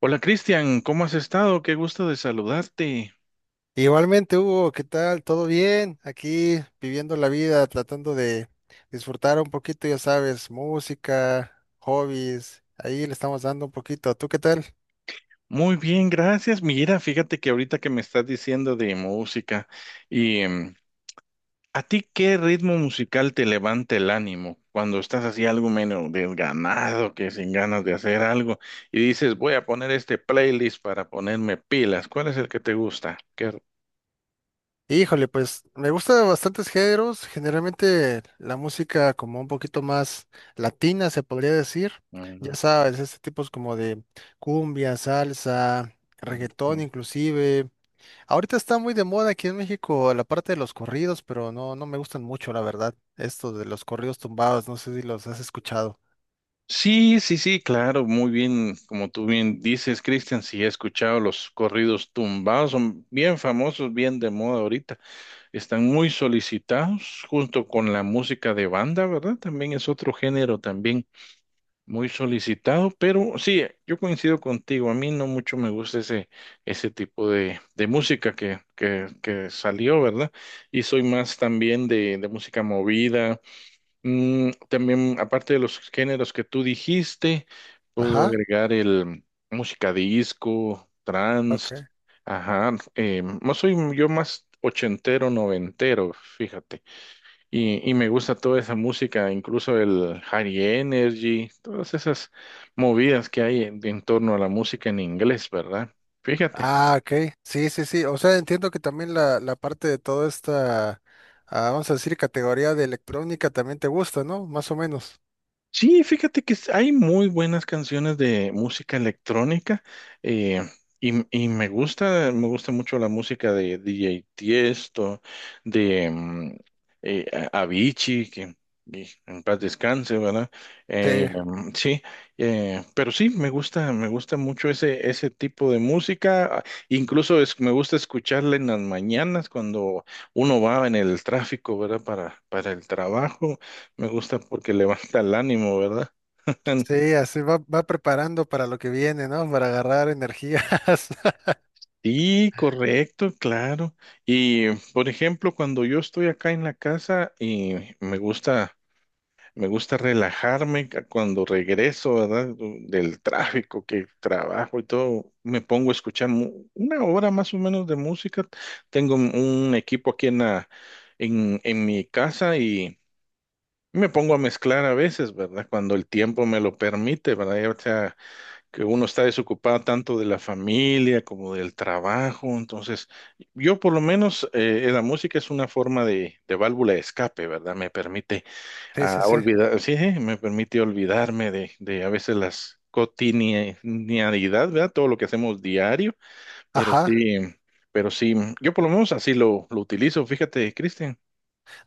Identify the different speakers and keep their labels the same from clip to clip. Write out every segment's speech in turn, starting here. Speaker 1: Hola Cristian, ¿cómo has estado? Qué gusto de saludarte.
Speaker 2: Igualmente, Hugo, ¿qué tal? ¿Todo bien? Aquí viviendo la vida, tratando de disfrutar un poquito, ya sabes, música, hobbies, ahí le estamos dando un poquito. ¿Tú qué tal?
Speaker 1: Muy bien, gracias. Mira, fíjate que ahorita que me estás diciendo de música y ¿a ti qué ritmo musical te levanta el ánimo cuando estás así algo menos desganado, que sin ganas de hacer algo y dices, voy a poner este playlist para ponerme pilas? ¿Cuál es el que te gusta? ¿Qué...
Speaker 2: Híjole, pues me gusta bastantes géneros, generalmente la música como un poquito más latina, se podría decir. Ya
Speaker 1: Ujú,
Speaker 2: sabes, este tipo es como de cumbia, salsa, reggaetón
Speaker 1: ujú.
Speaker 2: inclusive. Ahorita está muy de moda aquí en México la parte de los corridos, pero no, no me gustan mucho, la verdad. Esto de los corridos tumbados, no sé si los has escuchado.
Speaker 1: Sí, sí, sí, claro, muy bien, como tú bien dices, Cristian, sí he escuchado los corridos tumbados, son bien famosos, bien de moda ahorita, están muy solicitados junto con la música de banda, ¿verdad? También es otro género también muy solicitado, pero sí, yo coincido contigo, a mí no mucho me gusta ese, ese tipo de música que salió, ¿verdad? Y soy más también de música movida. Mm, también, aparte de los géneros que tú dijiste, puedo
Speaker 2: Ajá.
Speaker 1: agregar el música disco, trance,
Speaker 2: Ok.
Speaker 1: ajá, no soy yo más ochentero, noventero, fíjate, y me gusta toda esa música, incluso el high energy, todas esas movidas que hay en torno a la música en inglés, ¿verdad? Fíjate.
Speaker 2: Ah, ok. Sí, sí, sí. O sea, entiendo que también la parte de toda esta, vamos a decir, categoría de electrónica también te gusta, ¿no? Más o menos.
Speaker 1: Sí, fíjate que hay muy buenas canciones de música electrónica eh, y me gusta mucho la música de DJ Tiesto, de eh, Avicii, que en paz descanse, ¿verdad?
Speaker 2: Sí.
Speaker 1: Sí, pero sí, me gusta mucho ese, ese tipo de música. Incluso me gusta escucharla en las mañanas cuando uno va en el tráfico, ¿verdad? Para el trabajo. Me gusta porque levanta el ánimo, ¿verdad?
Speaker 2: Sí, así va, va preparando para lo que viene, ¿no? Para agarrar energías.
Speaker 1: Sí, correcto, claro. Y por ejemplo, cuando yo estoy acá en la casa y me gusta relajarme cuando regreso, ¿verdad? Del tráfico que trabajo y todo, me pongo a escuchar una hora más o menos de música. Tengo un equipo aquí en la, en mi casa y me pongo a mezclar a veces, ¿verdad? Cuando el tiempo me lo permite, ¿verdad? Que uno está desocupado tanto de la familia como del trabajo. Entonces, yo por lo menos la música es una forma de válvula de escape, ¿verdad? Me permite
Speaker 2: Sí, sí, sí.
Speaker 1: me permite olvidarme de a veces las cotidianidad, ¿verdad? Todo lo que hacemos diario, pero
Speaker 2: Ajá.
Speaker 1: sí, pero sí, yo por lo menos así lo utilizo, fíjate, Cristian.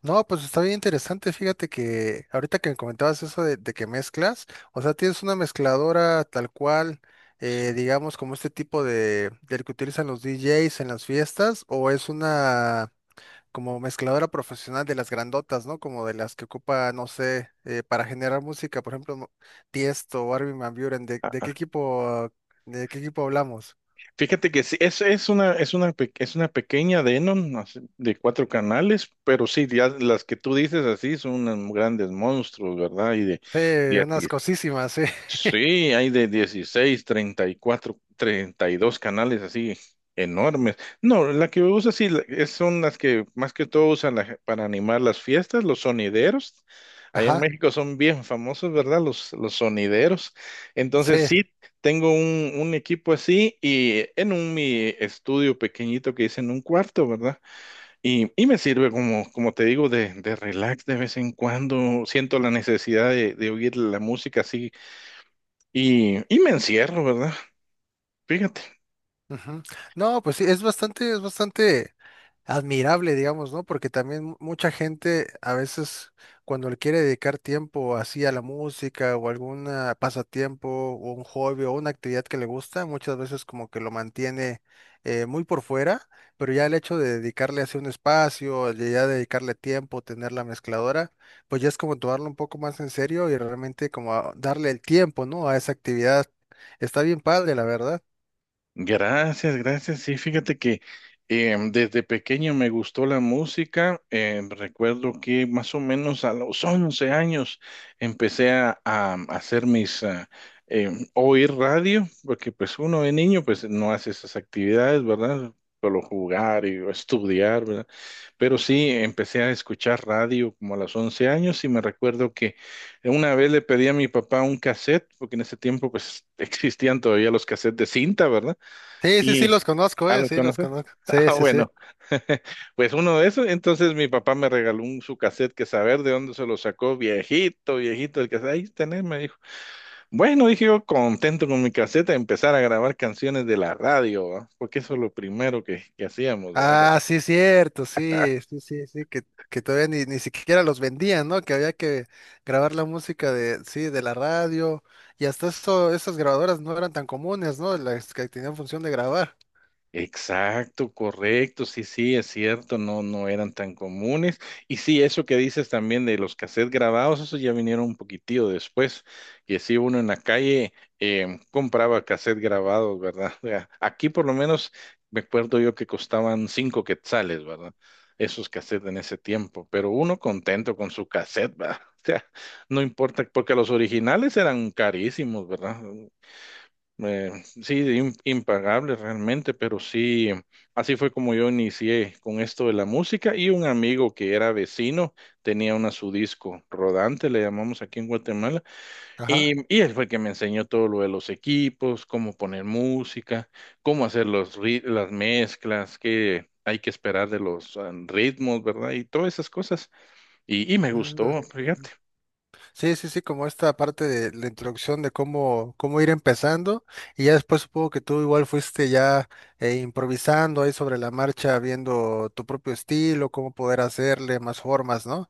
Speaker 2: No, pues está bien interesante. Fíjate que ahorita que me comentabas eso de, que mezclas, o sea, tienes una mezcladora tal cual, digamos, como este tipo de, del que utilizan los DJs en las fiestas, o es una como mezcladora profesional de las grandotas, ¿no? Como de las que ocupa, no sé, para generar música, por ejemplo, no- Tiesto o Armin van Buuren. ¿De, qué equipo, de qué equipo hablamos?
Speaker 1: Fíjate que sí, es una, es una pequeña Denon así, de 4 canales, pero sí, ya las que tú dices así son unos grandes monstruos, ¿verdad?
Speaker 2: Sí, unas cosísimas, sí.
Speaker 1: Sí, hay de 16, 34, 32 canales así enormes. No, la que usa sí son las que más que todo usan para animar las fiestas, los sonideros. Allá en
Speaker 2: Ajá,
Speaker 1: México son bien famosos, ¿verdad? Los sonideros. Entonces
Speaker 2: sí.
Speaker 1: sí, tengo un equipo así y en un mi estudio pequeñito que hice en un cuarto, ¿verdad? Y me sirve como, como te digo, de relax de vez en cuando. Siento la necesidad de oír la música así y me encierro, ¿verdad? Fíjate.
Speaker 2: Ujú. No, pues sí, es bastante admirable, digamos, ¿no? Porque también mucha gente a veces cuando le quiere dedicar tiempo así a la música o algún pasatiempo o un hobby o una actividad que le gusta, muchas veces como que lo mantiene muy por fuera, pero ya el hecho de dedicarle así un espacio, de ya dedicarle tiempo, tener la mezcladora, pues ya es como tomarlo un poco más en serio y realmente como darle el tiempo, ¿no? A esa actividad. Está bien padre, la verdad.
Speaker 1: Gracias, gracias. Sí, fíjate que desde pequeño me gustó la música. Recuerdo que más o menos a los 11 años a hacer mis, oír radio, porque pues uno de niño pues no hace esas actividades, ¿verdad? Solo jugar y estudiar, ¿verdad? Pero sí, empecé a escuchar radio como a los 11 años y me recuerdo que una vez le pedí a mi papá un cassette, porque en ese tiempo pues existían todavía los cassettes de cinta, ¿verdad?
Speaker 2: Sí, sí,
Speaker 1: Y,
Speaker 2: sí, los conozco,
Speaker 1: ¿ah, los
Speaker 2: sí, los
Speaker 1: conoces?
Speaker 2: conozco. Sí,
Speaker 1: Ah,
Speaker 2: sí, sí.
Speaker 1: bueno, pues uno de esos. Entonces mi papá me regaló un su cassette que saber de dónde se lo sacó, viejito, viejito, el cassette. Ahí tenés, me dijo. Bueno, dije yo, contento con mi cassette, a empezar a grabar canciones de la radio, ¿va? Porque eso es lo primero que hacíamos, ¿va?
Speaker 2: Ah, sí, cierto, sí, sí, sí, sí, que todavía ni, ni siquiera los vendían, ¿no? Que había que grabar la música de, sí, de la radio, y hasta eso, esas grabadoras no eran tan comunes, ¿no? Las que tenían función de grabar.
Speaker 1: Exacto, correcto, sí, sí, es cierto, no, no eran tan comunes. Y sí, eso que dices también de los cassettes grabados, eso ya vinieron un poquitillo después, que sí, uno en la calle compraba cassettes grabados, ¿verdad? O aquí por lo menos me acuerdo yo que costaban 5 quetzales, ¿verdad? Esos cassettes en ese tiempo, pero uno contento con su cassette, ¿verdad? O sea, no importa, porque los originales eran carísimos, ¿verdad? Eh, sí, de impagable realmente, pero sí, así fue como yo inicié con esto de la música y un amigo que era vecino tenía una su disco rodante, le llamamos aquí en Guatemala,
Speaker 2: Ajá.
Speaker 1: y él fue el que me enseñó todo lo de los equipos, cómo poner música, cómo hacer las mezclas, qué hay que esperar de los ritmos, ¿verdad? Y todas esas cosas. Y me
Speaker 2: Mm.
Speaker 1: gustó, fíjate.
Speaker 2: Sí, sí, sí, como esta parte de la introducción de cómo, cómo ir empezando, y ya después supongo que tú igual fuiste ya improvisando ahí sobre la marcha, viendo tu propio estilo, cómo poder hacerle más formas, ¿no?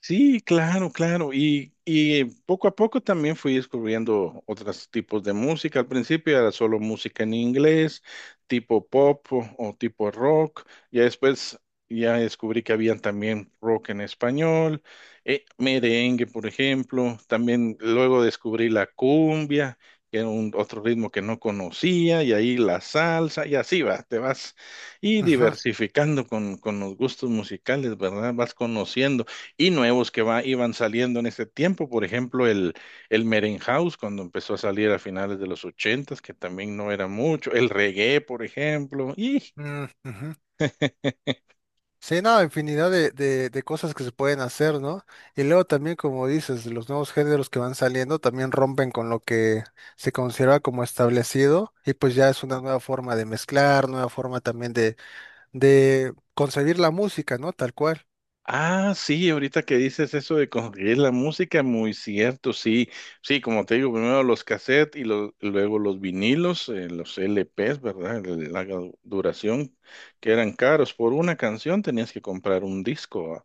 Speaker 1: Sí, claro, claro. Y poco a poco también fui descubriendo otros tipos de música. Al principio era solo música en inglés, tipo pop o tipo rock. Ya después ya descubrí que habían también rock en español, merengue, por ejemplo. También luego descubrí la cumbia, que era un, otro ritmo que no conocía, y ahí la salsa, y así va, te vas y
Speaker 2: Ujú.
Speaker 1: diversificando con los gustos musicales, ¿verdad? Vas conociendo y nuevos que va, iban saliendo en ese tiempo. Por ejemplo, el Merenhouse, cuando empezó a salir a finales de los ochentas, que también no era mucho. El reggae, por ejemplo. Y
Speaker 2: Mm, ujú. Sí, no, infinidad de, de cosas que se pueden hacer, ¿no? Y luego también, como dices, los nuevos géneros que van saliendo también rompen con lo que se considera como establecido y pues ya es una nueva forma de mezclar, nueva forma también de concebir la música, ¿no? Tal cual.
Speaker 1: ah, sí, ahorita que dices eso de conseguir la música, muy cierto, sí. Sí, como te digo, primero los cassettes y luego los vinilos, los LPs, ¿verdad? La duración, que eran caros. Por una canción tenías que comprar un disco.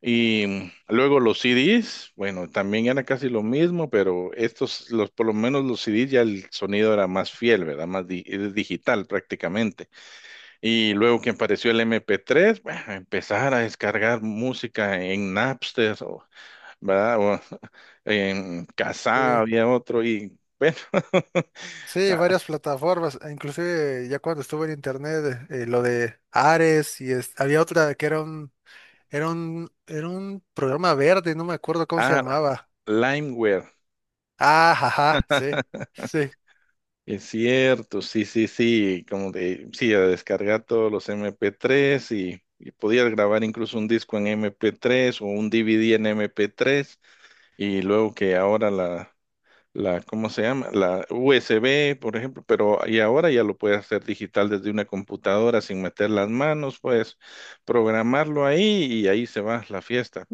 Speaker 1: Y luego los CDs, bueno, también era casi lo mismo, pero estos, los, por lo menos los CDs ya el sonido era más fiel, ¿verdad? Más es digital prácticamente. Y luego que apareció el MP3, bueno, empezar a descargar música en Napster, o, ¿verdad? O en
Speaker 2: Sí,
Speaker 1: Kazaa había otro y, bueno,
Speaker 2: sí, varias plataformas, e inclusive ya cuando estuve en internet, lo de Ares y había otra que era un, era un, era un programa verde, no me acuerdo cómo se
Speaker 1: ah,
Speaker 2: llamaba.
Speaker 1: LimeWare,
Speaker 2: Ah, ajá, sí, sí.
Speaker 1: es cierto, sí, sí, sí, como de, sí, a descargar todos los MP3 y podías grabar incluso un disco en MP3 o un DVD en MP3 y luego que ahora la, ¿cómo se llama? La USB, por ejemplo, pero y ahora ya lo puedes hacer digital desde una computadora sin meter las manos, puedes programarlo ahí y ahí se va la fiesta.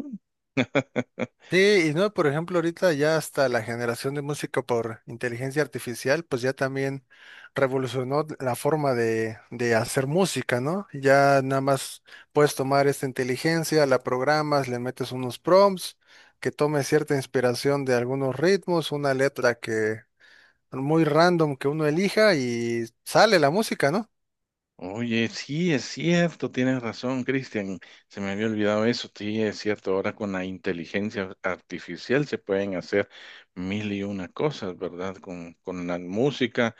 Speaker 2: Sí, y no, por ejemplo, ahorita ya hasta la generación de música por inteligencia artificial, pues ya también revolucionó la forma de hacer música, ¿no? Ya nada más puedes tomar esta inteligencia, la programas, le metes unos prompts, que tome cierta inspiración de algunos ritmos, una letra que muy random que uno elija y sale la música, ¿no?
Speaker 1: Oye, sí, es cierto, tienes razón, Cristian. Se me había olvidado eso. Sí, es cierto, ahora con la inteligencia artificial se pueden hacer mil y una cosas, ¿verdad? Con la música,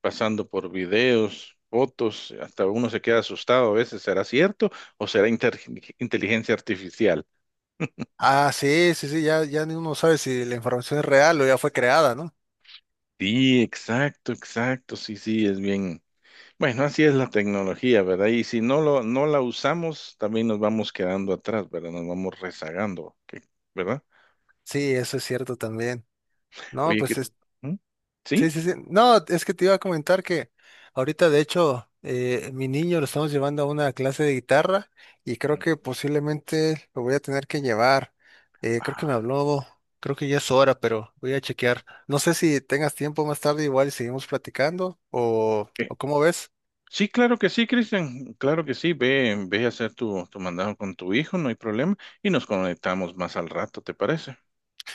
Speaker 1: pasando por videos, fotos, hasta uno se queda asustado a veces. ¿Será cierto o será inteligencia artificial?
Speaker 2: Ah, sí, sí, sí, ya, ya ni uno sabe si la información es real o ya fue creada, ¿no?
Speaker 1: Sí, exacto, exacto, sí, sí, es bien. Bueno, así es la tecnología, ¿verdad? Y si no lo, no la usamos, también nos vamos quedando atrás, ¿verdad? Nos vamos rezagando, ¿verdad?
Speaker 2: Sí, eso es cierto también. No,
Speaker 1: Oye, ¿qué?
Speaker 2: pues
Speaker 1: ¿Mm?
Speaker 2: sí,
Speaker 1: ¿Sí?
Speaker 2: sí, sí. No, es que te iba a comentar que ahorita, de hecho, mi niño lo estamos llevando a una clase de guitarra y creo que posiblemente lo voy a tener que llevar. Creo que me
Speaker 1: Ah,
Speaker 2: habló, creo que ya es hora, pero voy a chequear. No sé si tengas tiempo más tarde, igual y seguimos platicando
Speaker 1: eh,
Speaker 2: o cómo ves.
Speaker 1: sí, claro que sí, Cristian. Claro que sí. Ve, ve a hacer tu, tu mandado con tu hijo, no hay problema. Y nos conectamos más al rato, ¿te parece?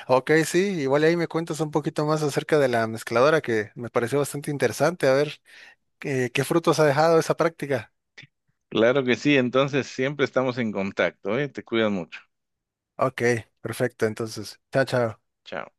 Speaker 2: Ok, sí, igual ahí me cuentas un poquito más acerca de la mezcladora que me pareció bastante interesante. A ver, qué frutos ha dejado esa práctica.
Speaker 1: Claro que sí. Entonces siempre estamos en contacto, ¿eh? Te cuidas mucho.
Speaker 2: Ok, perfecto. Entonces, chao, chao.
Speaker 1: Chao.